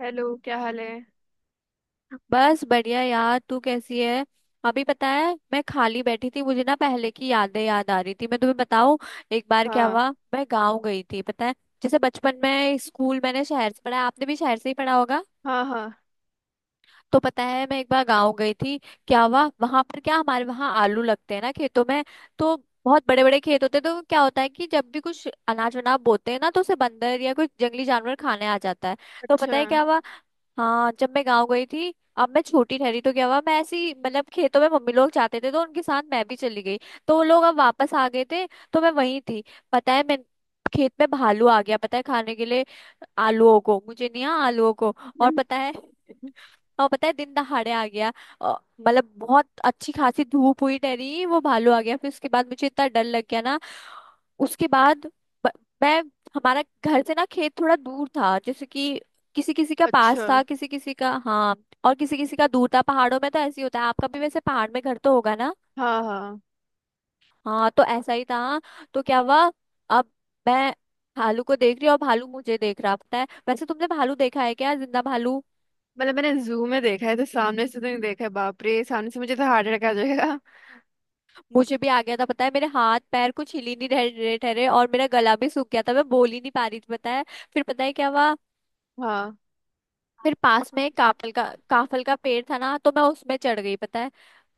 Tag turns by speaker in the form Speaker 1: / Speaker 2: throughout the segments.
Speaker 1: Hello, क्या हाल है।
Speaker 2: बस बढ़िया यार। तू कैसी है? अभी पता है। मैं खाली बैठी थी, मुझे ना पहले की यादें याद आ रही थी। मैं तुम्हें बताऊं, एक बार क्या
Speaker 1: हाँ,
Speaker 2: हुआ। मैं गांव गई थी पता है। जैसे बचपन में स्कूल मैंने शहर से पढ़ा, आपने भी शहर से ही पढ़ा होगा।
Speaker 1: हाँ, हाँ।
Speaker 2: तो पता है, मैं एक बार गांव गई थी। क्या हुआ वहां पर? क्या हमारे वहाँ आलू लगते हैं ना खेतों में। तो बहुत बड़े बड़े खेत होते हैं। तो क्या होता है कि जब भी कुछ अनाज वनाज बोते हैं ना, तो उसे बंदर या कुछ जंगली जानवर खाने आ जाता है। तो
Speaker 1: अच्छा।
Speaker 2: पता है क्या हुआ? हाँ, जब मैं गांव गई थी, अब मैं छोटी ठहरी, तो क्या हुआ, मैं ऐसी मतलब खेतों में मम्मी लोग जाते थे तो उनके साथ मैं भी चली गई। तो वो लोग अब वापस आ गए थे, तो मैं वहीं थी। पता है, मैं खेत में, भालू आ गया पता है, खाने के लिए आलूओं को। मुझे नहीं, हाँ आलूओं को। और
Speaker 1: हम्म।
Speaker 2: पता है और पता है दिन दहाड़े आ गया। और मतलब बहुत अच्छी खासी धूप हुई, डरी, वो भालू आ गया। फिर उसके बाद मुझे इतना डर लग गया ना। उसके बाद ब- मैं, हमारा घर से ना खेत थोड़ा दूर था, जैसे कि किसी किसी का पास
Speaker 1: अच्छा।
Speaker 2: था, किसी किसी का हाँ, और किसी किसी का दूर था पहाड़ों में। तो ऐसे ही होता है, आपका भी वैसे पहाड़ में घर तो होगा ना।
Speaker 1: हाँ, हाँ।
Speaker 2: हाँ, तो ऐसा ही था। तो क्या हुआ, अब मैं भालू को देख रही हूँ और भालू मुझे देख रहा। पता है, वैसे तुमने भालू देखा है क्या? जिंदा भालू।
Speaker 1: मतलब मैंने जू में देखा है, तो सामने से तो नहीं देखा है। बाप रे, सामने से मुझे तो हार्ट अटैक आ जाएगा।
Speaker 2: मुझे भी आ गया था पता है, मेरे हाथ पैर कुछ हिल ही नहीं रहे रहे थे रहे, और मेरा गला भी सूख गया था, मैं बोल ही नहीं पा रही थी पता है। फिर पता है क्या हुआ,
Speaker 1: हाँ।
Speaker 2: फिर पास में एक काफल का पेड़ था ना, तो मैं उसमें चढ़ गई पता है।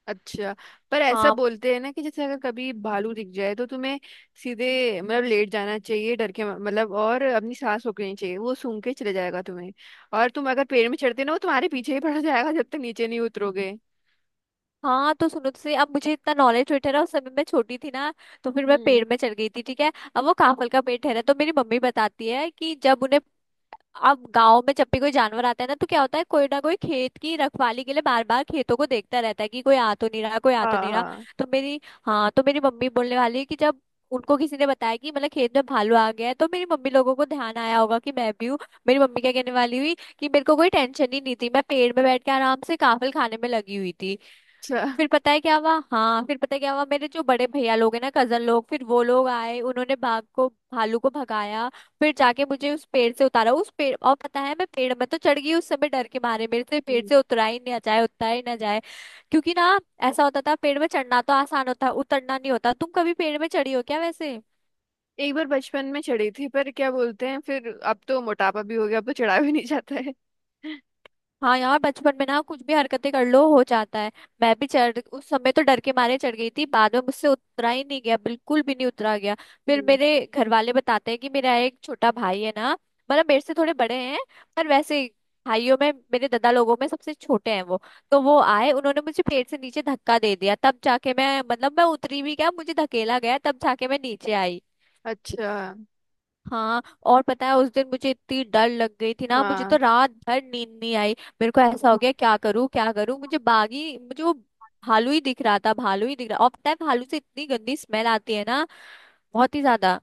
Speaker 1: अच्छा। पर ऐसा
Speaker 2: हाँ
Speaker 1: बोलते हैं ना, कि जैसे अगर कभी भालू दिख जाए तो तुम्हें सीधे, मतलब लेट जाना चाहिए डर के, मतलब, और अपनी सांस रोकनी चाहिए, वो सूंघ के चले जाएगा तुम्हें। और तुम अगर पेड़ में चढ़ते ना, वो तुम्हारे पीछे ही पड़ जाएगा जब तक नीचे नहीं उतरोगे।
Speaker 2: हाँ, तो सुनो तो सही, अब मुझे इतना नॉलेज हुई ठहरा, उस समय मैं छोटी थी ना। तो फिर मैं
Speaker 1: हम्म।
Speaker 2: पेड़ में चढ़ गई थी ठीक है। अब वो काफल का पेड़ ठहरा, तो मेरी मम्मी बताती है कि जब उन्हें, अब गांव में जब भी कोई जानवर आता है ना तो क्या होता है, कोई ना कोई खेत की रखवाली के लिए बार बार खेतों को देखता रहता है कि कोई आ तो नहीं रहा, कोई आ तो
Speaker 1: हाँ,
Speaker 2: नहीं रहा।
Speaker 1: हाँ।
Speaker 2: तो मेरी हाँ तो मेरी मम्मी बोलने वाली है कि जब उनको किसी ने बताया कि मतलब खेत में भालू आ गया है, तो मेरी मम्मी लोगों को ध्यान आया होगा कि मैं भी हूँ। मेरी मम्मी क्या कहने वाली हुई, कि मेरे को कोई टेंशन ही नहीं थी, मैं पेड़ में बैठ के आराम से काफल खाने में लगी हुई थी।
Speaker 1: अच्छा।
Speaker 2: फिर पता है क्या हुआ, हाँ फिर पता है क्या हुआ, मेरे जो बड़े भैया लोग हैं ना, कजन लोग, फिर वो लोग आए, उन्होंने बाघ को भालू को भगाया। फिर जाके मुझे उस पेड़ से उतारा उस पेड़ और पता है, मैं पेड़ में तो चढ़ गई उस समय डर के मारे, मेरे से पेड़ से उतरा ही नहीं जाए उतरा ही ना जाए। क्योंकि ना ऐसा होता था, पेड़ में चढ़ना तो आसान होता है, उतरना नहीं होता। तुम कभी पेड़ में चढ़ी हो क्या वैसे?
Speaker 1: एक बार बचपन में चढ़ी थी, पर क्या बोलते हैं, फिर अब तो मोटापा भी हो गया, अब तो चढ़ा भी नहीं जाता है।
Speaker 2: हाँ यार, बचपन में ना कुछ भी हरकतें कर लो हो जाता है। मैं भी चढ़ उस समय तो डर के मारे चढ़ गई थी, बाद में मुझसे उतरा ही नहीं गया, बिल्कुल भी नहीं उतरा गया। फिर
Speaker 1: हम्म।
Speaker 2: मेरे घर वाले बताते हैं कि मेरा एक छोटा भाई है ना, मतलब मेरे से थोड़े बड़े हैं, पर वैसे भाइयों में, मेरे दादा लोगों में सबसे छोटे हैं वो। तो वो आए, उन्होंने मुझे पेड़ से नीचे धक्का दे दिया, तब जाके मैं मतलब मैं उतरी भी, क्या, मुझे धकेला गया, तब जाके मैं नीचे आई।
Speaker 1: अच्छा।
Speaker 2: हाँ और पता है, उस दिन मुझे इतनी डर लग गई थी ना, मुझे
Speaker 1: हाँ।
Speaker 2: तो रात भर नींद नहीं आई। मेरे को ऐसा हो गया, क्या करूँ क्या करूँ, मुझे वो भालू ही दिख रहा था, भालू ही दिख रहा। और पता है, भालू से इतनी गंदी स्मेल आती है ना, बहुत ही ज्यादा।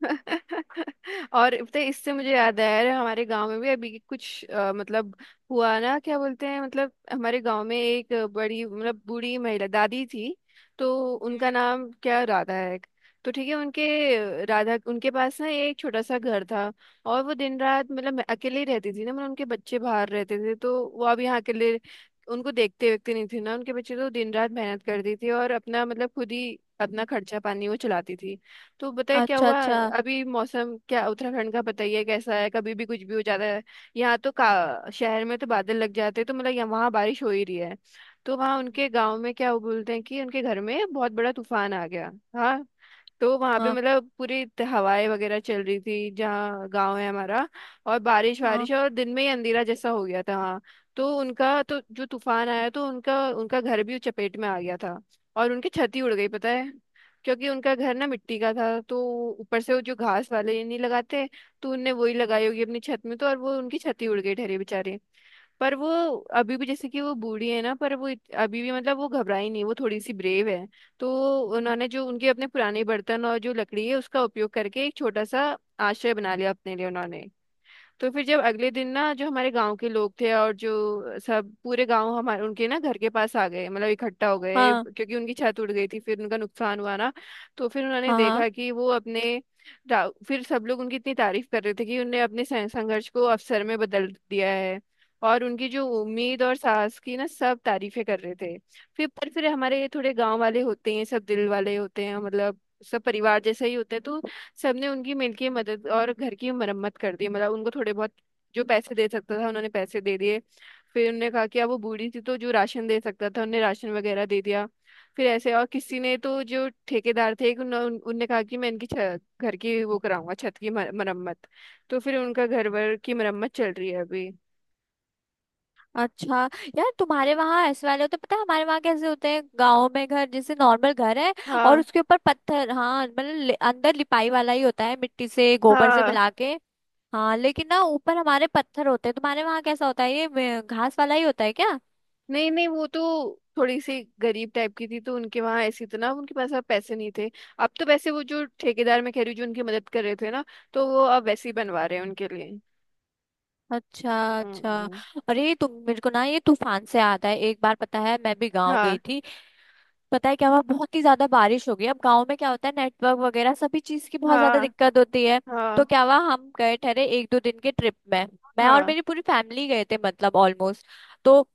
Speaker 1: और पता है, इससे मुझे याद आया। अरे, हमारे गांव में भी अभी कुछ मतलब हुआ ना, क्या बोलते हैं, मतलब हमारे गांव में एक बड़ी, मतलब बूढ़ी महिला दादी थी। तो उनका
Speaker 2: हम्म।
Speaker 1: नाम, क्या, राधा है। तो ठीक है, उनके, राधा, उनके पास ना एक छोटा सा घर था। और वो दिन रात, मतलब मैं अकेले ही रहती थी ना, मतलब उनके बच्चे बाहर रहते थे, तो वो अब यहाँ अकेले, उनको देखते व्यक्ति नहीं थी ना उनके बच्चे, तो दिन रात मेहनत करती थी और अपना, मतलब खुद ही अपना खर्चा पानी वो चलाती थी। तो बताए क्या
Speaker 2: अच्छा
Speaker 1: हुआ।
Speaker 2: अच्छा,
Speaker 1: अभी मौसम, क्या, उत्तराखंड का बताइए कैसा है, कभी भी कुछ भी हो जाता है। यहाँ तो, का शहर में तो बादल लग जाते हैं, तो मतलब यहाँ वहाँ बारिश हो ही रही है। तो वहाँ उनके गांव में, क्या, वो बोलते हैं कि उनके घर में बहुत बड़ा तूफान आ गया। हाँ। तो वहां पे,
Speaker 2: हाँ
Speaker 1: मतलब पूरी हवाएं वगैरह चल रही थी जहाँ गांव है हमारा। और बारिश
Speaker 2: हाँ,
Speaker 1: बारिश, और दिन में ही अंधेरा जैसा हो गया था। हाँ। तो उनका तो, जो तूफान आया, तो उनका उनका घर भी चपेट में आ गया था। और उनकी छत ही उड़ गई, पता है। क्योंकि उनका घर ना मिट्टी का था, तो ऊपर से वो जो घास वाले नहीं लगाते, तो उनने वही लगाई होगी अपनी छत में, तो और वो उनकी छत ही उड़ गई, ठहरे बेचारे। पर वो अभी भी, जैसे कि वो बूढ़ी है ना, पर वो अभी भी, मतलब वो घबराई नहीं, वो थोड़ी सी ब्रेव है। तो उन्होंने, जो उनके अपने पुराने बर्तन और जो लकड़ी है उसका उपयोग करके, एक छोटा सा आश्रय बना लिया अपने लिए उन्होंने। तो फिर जब अगले दिन ना, जो हमारे गांव के लोग थे और जो सब पूरे गांव हमारे, उनके ना घर के पास आ गए, मतलब इकट्ठा हो गए,
Speaker 2: हाँ
Speaker 1: क्योंकि उनकी छत उड़ गई थी, फिर उनका नुकसान हुआ ना। तो फिर उन्होंने
Speaker 2: हाँ, हाँ,
Speaker 1: देखा कि वो अपने फिर सब लोग उनकी इतनी तारीफ कर रहे थे कि उन्होंने अपने संघर्ष को अवसर में बदल दिया है। और उनकी जो उम्मीद और साहस की ना, सब तारीफें कर रहे थे। फिर, पर फिर हमारे ये थोड़े गांव वाले होते हैं, सब दिल वाले होते हैं, मतलब सब परिवार जैसे ही होते हैं, तो सबने उनकी मिलके मदद और घर की मरम्मत कर दी, मतलब उनको थोड़े बहुत जो पैसे दे सकता था उन्होंने पैसे दे दिए। फिर उन्होंने कहा कि अब वो बूढ़ी थी, तो जो राशन दे सकता था उन्हें राशन वगैरह दे दिया। फिर ऐसे और किसी ने, तो जो ठेकेदार थे, उन्होंने, उनने कहा कि मैं इनकी घर की, वो, कराऊंगा छत की मरम्मत। तो फिर उनका घर वर की मरम्मत चल रही है अभी।
Speaker 2: अच्छा। यार तुम्हारे वहाँ ऐसे वाले होते? पता है हमारे वहाँ कैसे होते हैं? गांव में घर जैसे नॉर्मल घर है, और
Speaker 1: हाँ,
Speaker 2: उसके ऊपर पत्थर, हाँ मतलब अंदर लिपाई वाला ही होता है, मिट्टी से गोबर से
Speaker 1: हाँ।
Speaker 2: मिला के। हाँ लेकिन ना ऊपर हमारे पत्थर होते हैं। तुम्हारे वहां कैसा होता है? ये घास वाला ही होता है क्या?
Speaker 1: नहीं, नहीं, वो तो थोड़ी सी गरीब टाइप की थी, तो उनके वहां ऐसी इतना, उनके पास अब पैसे नहीं थे। अब तो वैसे वो जो ठेकेदार मैं कह रही हूँ, जो उनकी मदद कर रहे थे ना, तो वो अब वैसे ही बनवा रहे हैं उनके लिए।
Speaker 2: अच्छा अच्छा।
Speaker 1: हम्म।
Speaker 2: अरे तुम मेरे को ना, ये तूफान से आता है, एक बार पता है मैं भी गांव
Speaker 1: हाँ,
Speaker 2: गई थी। पता है क्या हुआ, बहुत ही ज्यादा बारिश हो गई। अब गांव में क्या होता है, नेटवर्क वगैरह सभी चीज की बहुत ज्यादा
Speaker 1: हाँ,
Speaker 2: दिक्कत होती है। तो
Speaker 1: हाँ,
Speaker 2: क्या हुआ, हम गए ठहरे एक दो दिन के ट्रिप में, मैं और
Speaker 1: हाँ,
Speaker 2: मेरी पूरी फैमिली गए थे मतलब ऑलमोस्ट। तो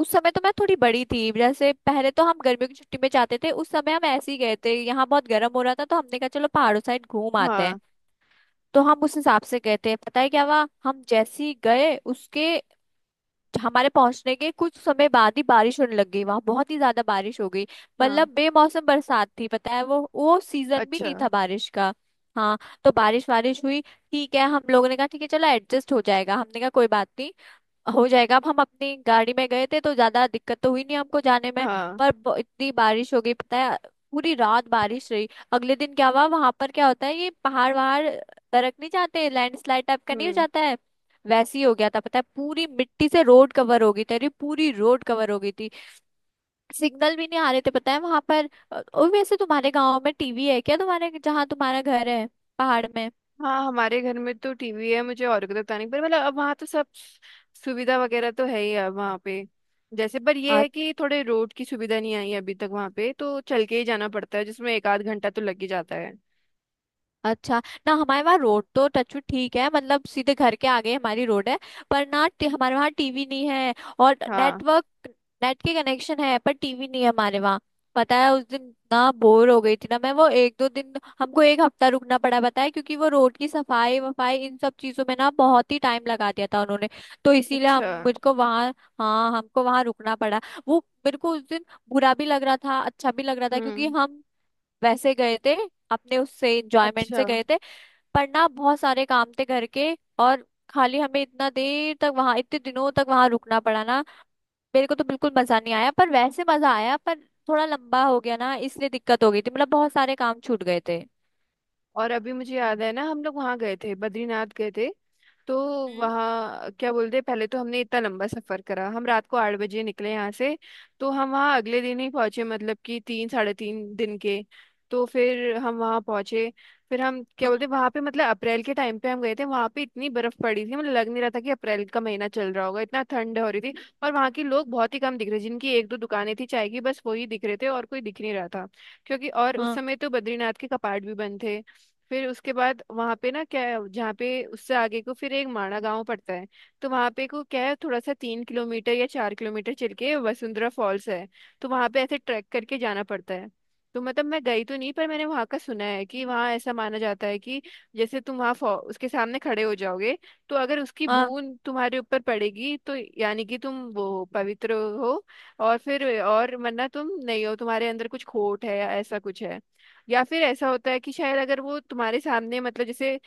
Speaker 2: उस समय तो मैं थोड़ी बड़ी थी, जैसे पहले तो हम गर्मियों की छुट्टी में जाते थे, उस समय हम ऐसे ही गए थे, यहाँ बहुत गर्म हो रहा था तो हमने कहा चलो पहाड़ों साइड घूम आते हैं।
Speaker 1: हाँ,
Speaker 2: तो हम उस हिसाब से गए थे। पता है क्या हुआ, हम जैसे ही गए उसके, हमारे पहुंचने के कुछ समय बाद ही बारिश होने लग गई वहां, बहुत ही ज्यादा बारिश हो गई। मतलब
Speaker 1: हाँ।
Speaker 2: बेमौसम बरसात थी पता है, वो सीजन भी
Speaker 1: अच्छा।
Speaker 2: नहीं था बारिश का। हाँ। तो बारिश वारिश हुई, ठीक है, हम लोगों ने कहा ठीक है चलो एडजस्ट हो जाएगा, हमने कहा कोई बात नहीं हो जाएगा। अब हम अपनी गाड़ी में गए थे तो ज्यादा दिक्कत तो हुई नहीं हमको जाने में।
Speaker 1: हाँ।
Speaker 2: पर इतनी बारिश हो गई पता है, पूरी रात बारिश रही। अगले दिन क्या हुआ, वहां पर क्या होता है, ये पहाड़ वहाड़ दरक नहीं जाते, लैंडस्लाइड टाइप का नहीं हो
Speaker 1: हम्म।
Speaker 2: जाता है? वैसे ही हो गया था पता है, पूरी मिट्टी से रोड कवर हो गई थी, अरे पूरी रोड कवर हो गई थी। सिग्नल भी नहीं आ रहे थे पता है वहां पर। और वैसे तुम्हारे गांव में टीवी है क्या, तुम्हारे जहाँ तुम्हारा घर है पहाड़ में?
Speaker 1: हाँ, हमारे घर में तो टीवी है, मुझे और कोई पता नहीं, पर मतलब अब वहाँ तो सब सुविधा वगैरह तो है ही अब वहाँ पे। जैसे, पर ये है कि थोड़े रोड की सुविधा नहीं आई है अभी तक वहाँ पे, तो चल के ही जाना पड़ता है, जिसमें एक आध घंटा तो लग ही जाता है।
Speaker 2: अच्छा। ना हमारे वहाँ रोड तो टच वुड ठीक है, मतलब सीधे घर के आगे हमारी रोड है। पर ना हमारे वहाँ टीवी नहीं है, और
Speaker 1: हाँ।
Speaker 2: नेटवर्क, नेट के कनेक्शन है, पर टीवी नहीं है हमारे वहाँ। पता है उस दिन ना बोर हो गई थी ना मैं, वो एक दो दिन, हमको एक हफ्ता रुकना पड़ा पता है, क्योंकि वो रोड की सफाई वफाई इन सब चीजों में ना बहुत ही टाइम लगा दिया था उन्होंने। तो इसीलिए
Speaker 1: अच्छा।
Speaker 2: हम मुझको वहाँ, हाँ हमको वहाँ रुकना पड़ा। वो, मेरे को उस दिन बुरा भी लग रहा था, अच्छा भी लग रहा था, क्योंकि
Speaker 1: हम्म।
Speaker 2: हम वैसे गए थे, अपने उससे एंजॉयमेंट
Speaker 1: अच्छा।
Speaker 2: से गए थे। पर ना बहुत सारे काम थे घर के, और खाली हमें इतना देर तक वहां, इतने दिनों तक वहां रुकना पड़ा ना, मेरे को तो बिल्कुल मजा नहीं आया, पर वैसे मजा आया, पर थोड़ा लंबा हो गया ना, इसलिए दिक्कत हो गई थी, मतलब बहुत सारे काम छूट गए थे।
Speaker 1: और अभी मुझे याद है ना, हम लोग वहाँ गए थे, बद्रीनाथ गए थे। तो
Speaker 2: हम्म।
Speaker 1: वहाँ, क्या बोलते हैं, पहले तो हमने इतना लंबा सफर करा, हम रात को 8 बजे निकले यहाँ से। तो हम वहाँ अगले दिन ही पहुंचे, मतलब कि 3 साढ़े 3 दिन के। तो फिर हम वहाँ पहुंचे। फिर हम, क्या बोलते
Speaker 2: हम्म,
Speaker 1: हैं, वहाँ पे मतलब अप्रैल के टाइम पे हम गए थे, वहाँ पे इतनी बर्फ पड़ी थी, मतलब लग नहीं रहा था कि अप्रैल का महीना चल रहा होगा, इतना ठंड हो रही थी। और वहाँ के लोग बहुत ही कम दिख रहे, जिनकी एक दो दुकानें थी चाय की, बस वही दिख रहे थे, और कोई दिख नहीं रहा था। क्योंकि, और उस
Speaker 2: हाँ
Speaker 1: समय तो बद्रीनाथ के कपाट भी बंद थे। फिर उसके बाद वहां पे ना, क्या है, जहाँ पे उससे आगे को फिर एक माणा गांव पड़ता है। तो वहां पे को क्या है, थोड़ा सा 3 किलोमीटर या 4 किलोमीटर चल के वसुंधरा फॉल्स है। तो वहां पे ऐसे ट्रैक करके जाना पड़ता है। तो मतलब मैं गई तो नहीं, पर मैंने वहां का सुना है कि वहां ऐसा माना जाता है कि जैसे तुम वहां उसके सामने खड़े हो जाओगे। तो अगर उसकी
Speaker 2: हाँ।
Speaker 1: बूंद तुम्हारे ऊपर पड़ेगी तो यानी कि तुम वो पवित्र हो। और फिर, और वरना तुम नहीं हो, तुम्हारे अंदर कुछ खोट है या ऐसा कुछ है। या फिर ऐसा होता है कि शायद अगर वो तुम्हारे सामने, मतलब जैसे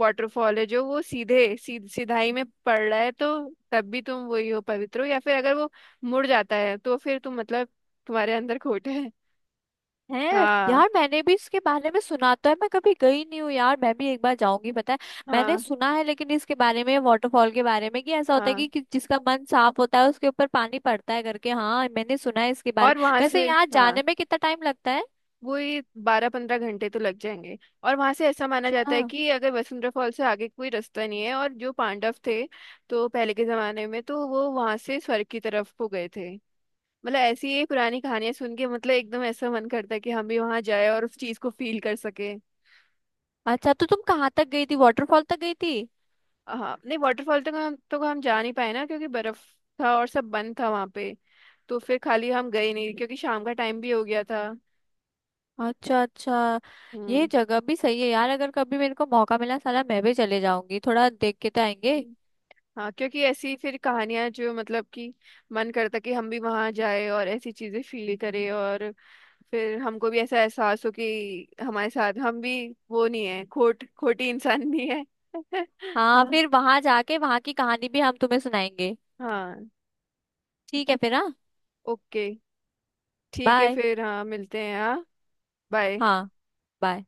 Speaker 1: वाटरफॉल है, जो वो सीधाई में पड़ रहा है, तो तब भी तुम वही हो, पवित्र हो, या फिर अगर वो मुड़ जाता है तो फिर तुम, मतलब तुम्हारे अंदर खोट है।
Speaker 2: है
Speaker 1: हाँ,
Speaker 2: यार, मैंने भी इसके बारे में सुना तो है, मैं कभी गई नहीं हूँ यार, मैं भी एक बार जाऊंगी पता है। मैंने
Speaker 1: हाँ,
Speaker 2: सुना है लेकिन इसके बारे में, वाटरफॉल के बारे में, कि ऐसा होता है
Speaker 1: हाँ।
Speaker 2: कि जिसका मन साफ होता है उसके ऊपर पानी पड़ता है करके, हाँ मैंने सुना है इसके बारे
Speaker 1: और
Speaker 2: में।
Speaker 1: वहां
Speaker 2: वैसे
Speaker 1: से।
Speaker 2: यहाँ
Speaker 1: हाँ।
Speaker 2: जाने में कितना टाइम लगता है?
Speaker 1: वो ये 12-15 घंटे तो लग जाएंगे। और वहां से ऐसा माना जाता
Speaker 2: अच्छा
Speaker 1: है कि, अगर, वसुंधरा फॉल से आगे कोई रास्ता नहीं है, और जो पांडव थे, तो पहले के जमाने में तो वो वहां से स्वर्ग की तरफ को गए थे। मतलब ऐसी ही पुरानी कहानियां सुन के, मतलब एकदम ऐसा मन करता है कि हम भी वहां जाए और उस चीज को फील कर सके।
Speaker 2: अच्छा। तो तुम कहाँ तक गई थी, वाटरफॉल तक गई थी?
Speaker 1: हाँ, नहीं, वाटरफॉल तो हम जा नहीं पाए ना, क्योंकि बर्फ था और सब बंद था वहां पे। तो फिर खाली हम गए नहीं, क्योंकि शाम का टाइम भी हो गया था।
Speaker 2: अच्छा अच्छा। ये
Speaker 1: हम्म।
Speaker 2: जगह भी सही है यार, अगर कभी मेरे को मौका मिला, साला मैं भी चले जाऊंगी, थोड़ा देख के तो आएंगे।
Speaker 1: हम्म। हाँ, क्योंकि ऐसी फिर कहानियां जो मतलब कि मन करता कि हम भी वहां जाए और ऐसी चीजें फील करें, और फिर हमको भी ऐसा एहसास हो कि हमारे साथ हम भी वो नहीं है, खोटी इंसान नहीं है।
Speaker 2: हाँ फिर वहां जाके वहां की कहानी भी हम तुम्हें सुनाएंगे।
Speaker 1: हाँ।
Speaker 2: ठीक है फिर, हाँ।
Speaker 1: ओके, ठीक है
Speaker 2: बाय।
Speaker 1: फिर, हाँ, मिलते हैं। हाँ, बाय।
Speaker 2: हाँ, बाय।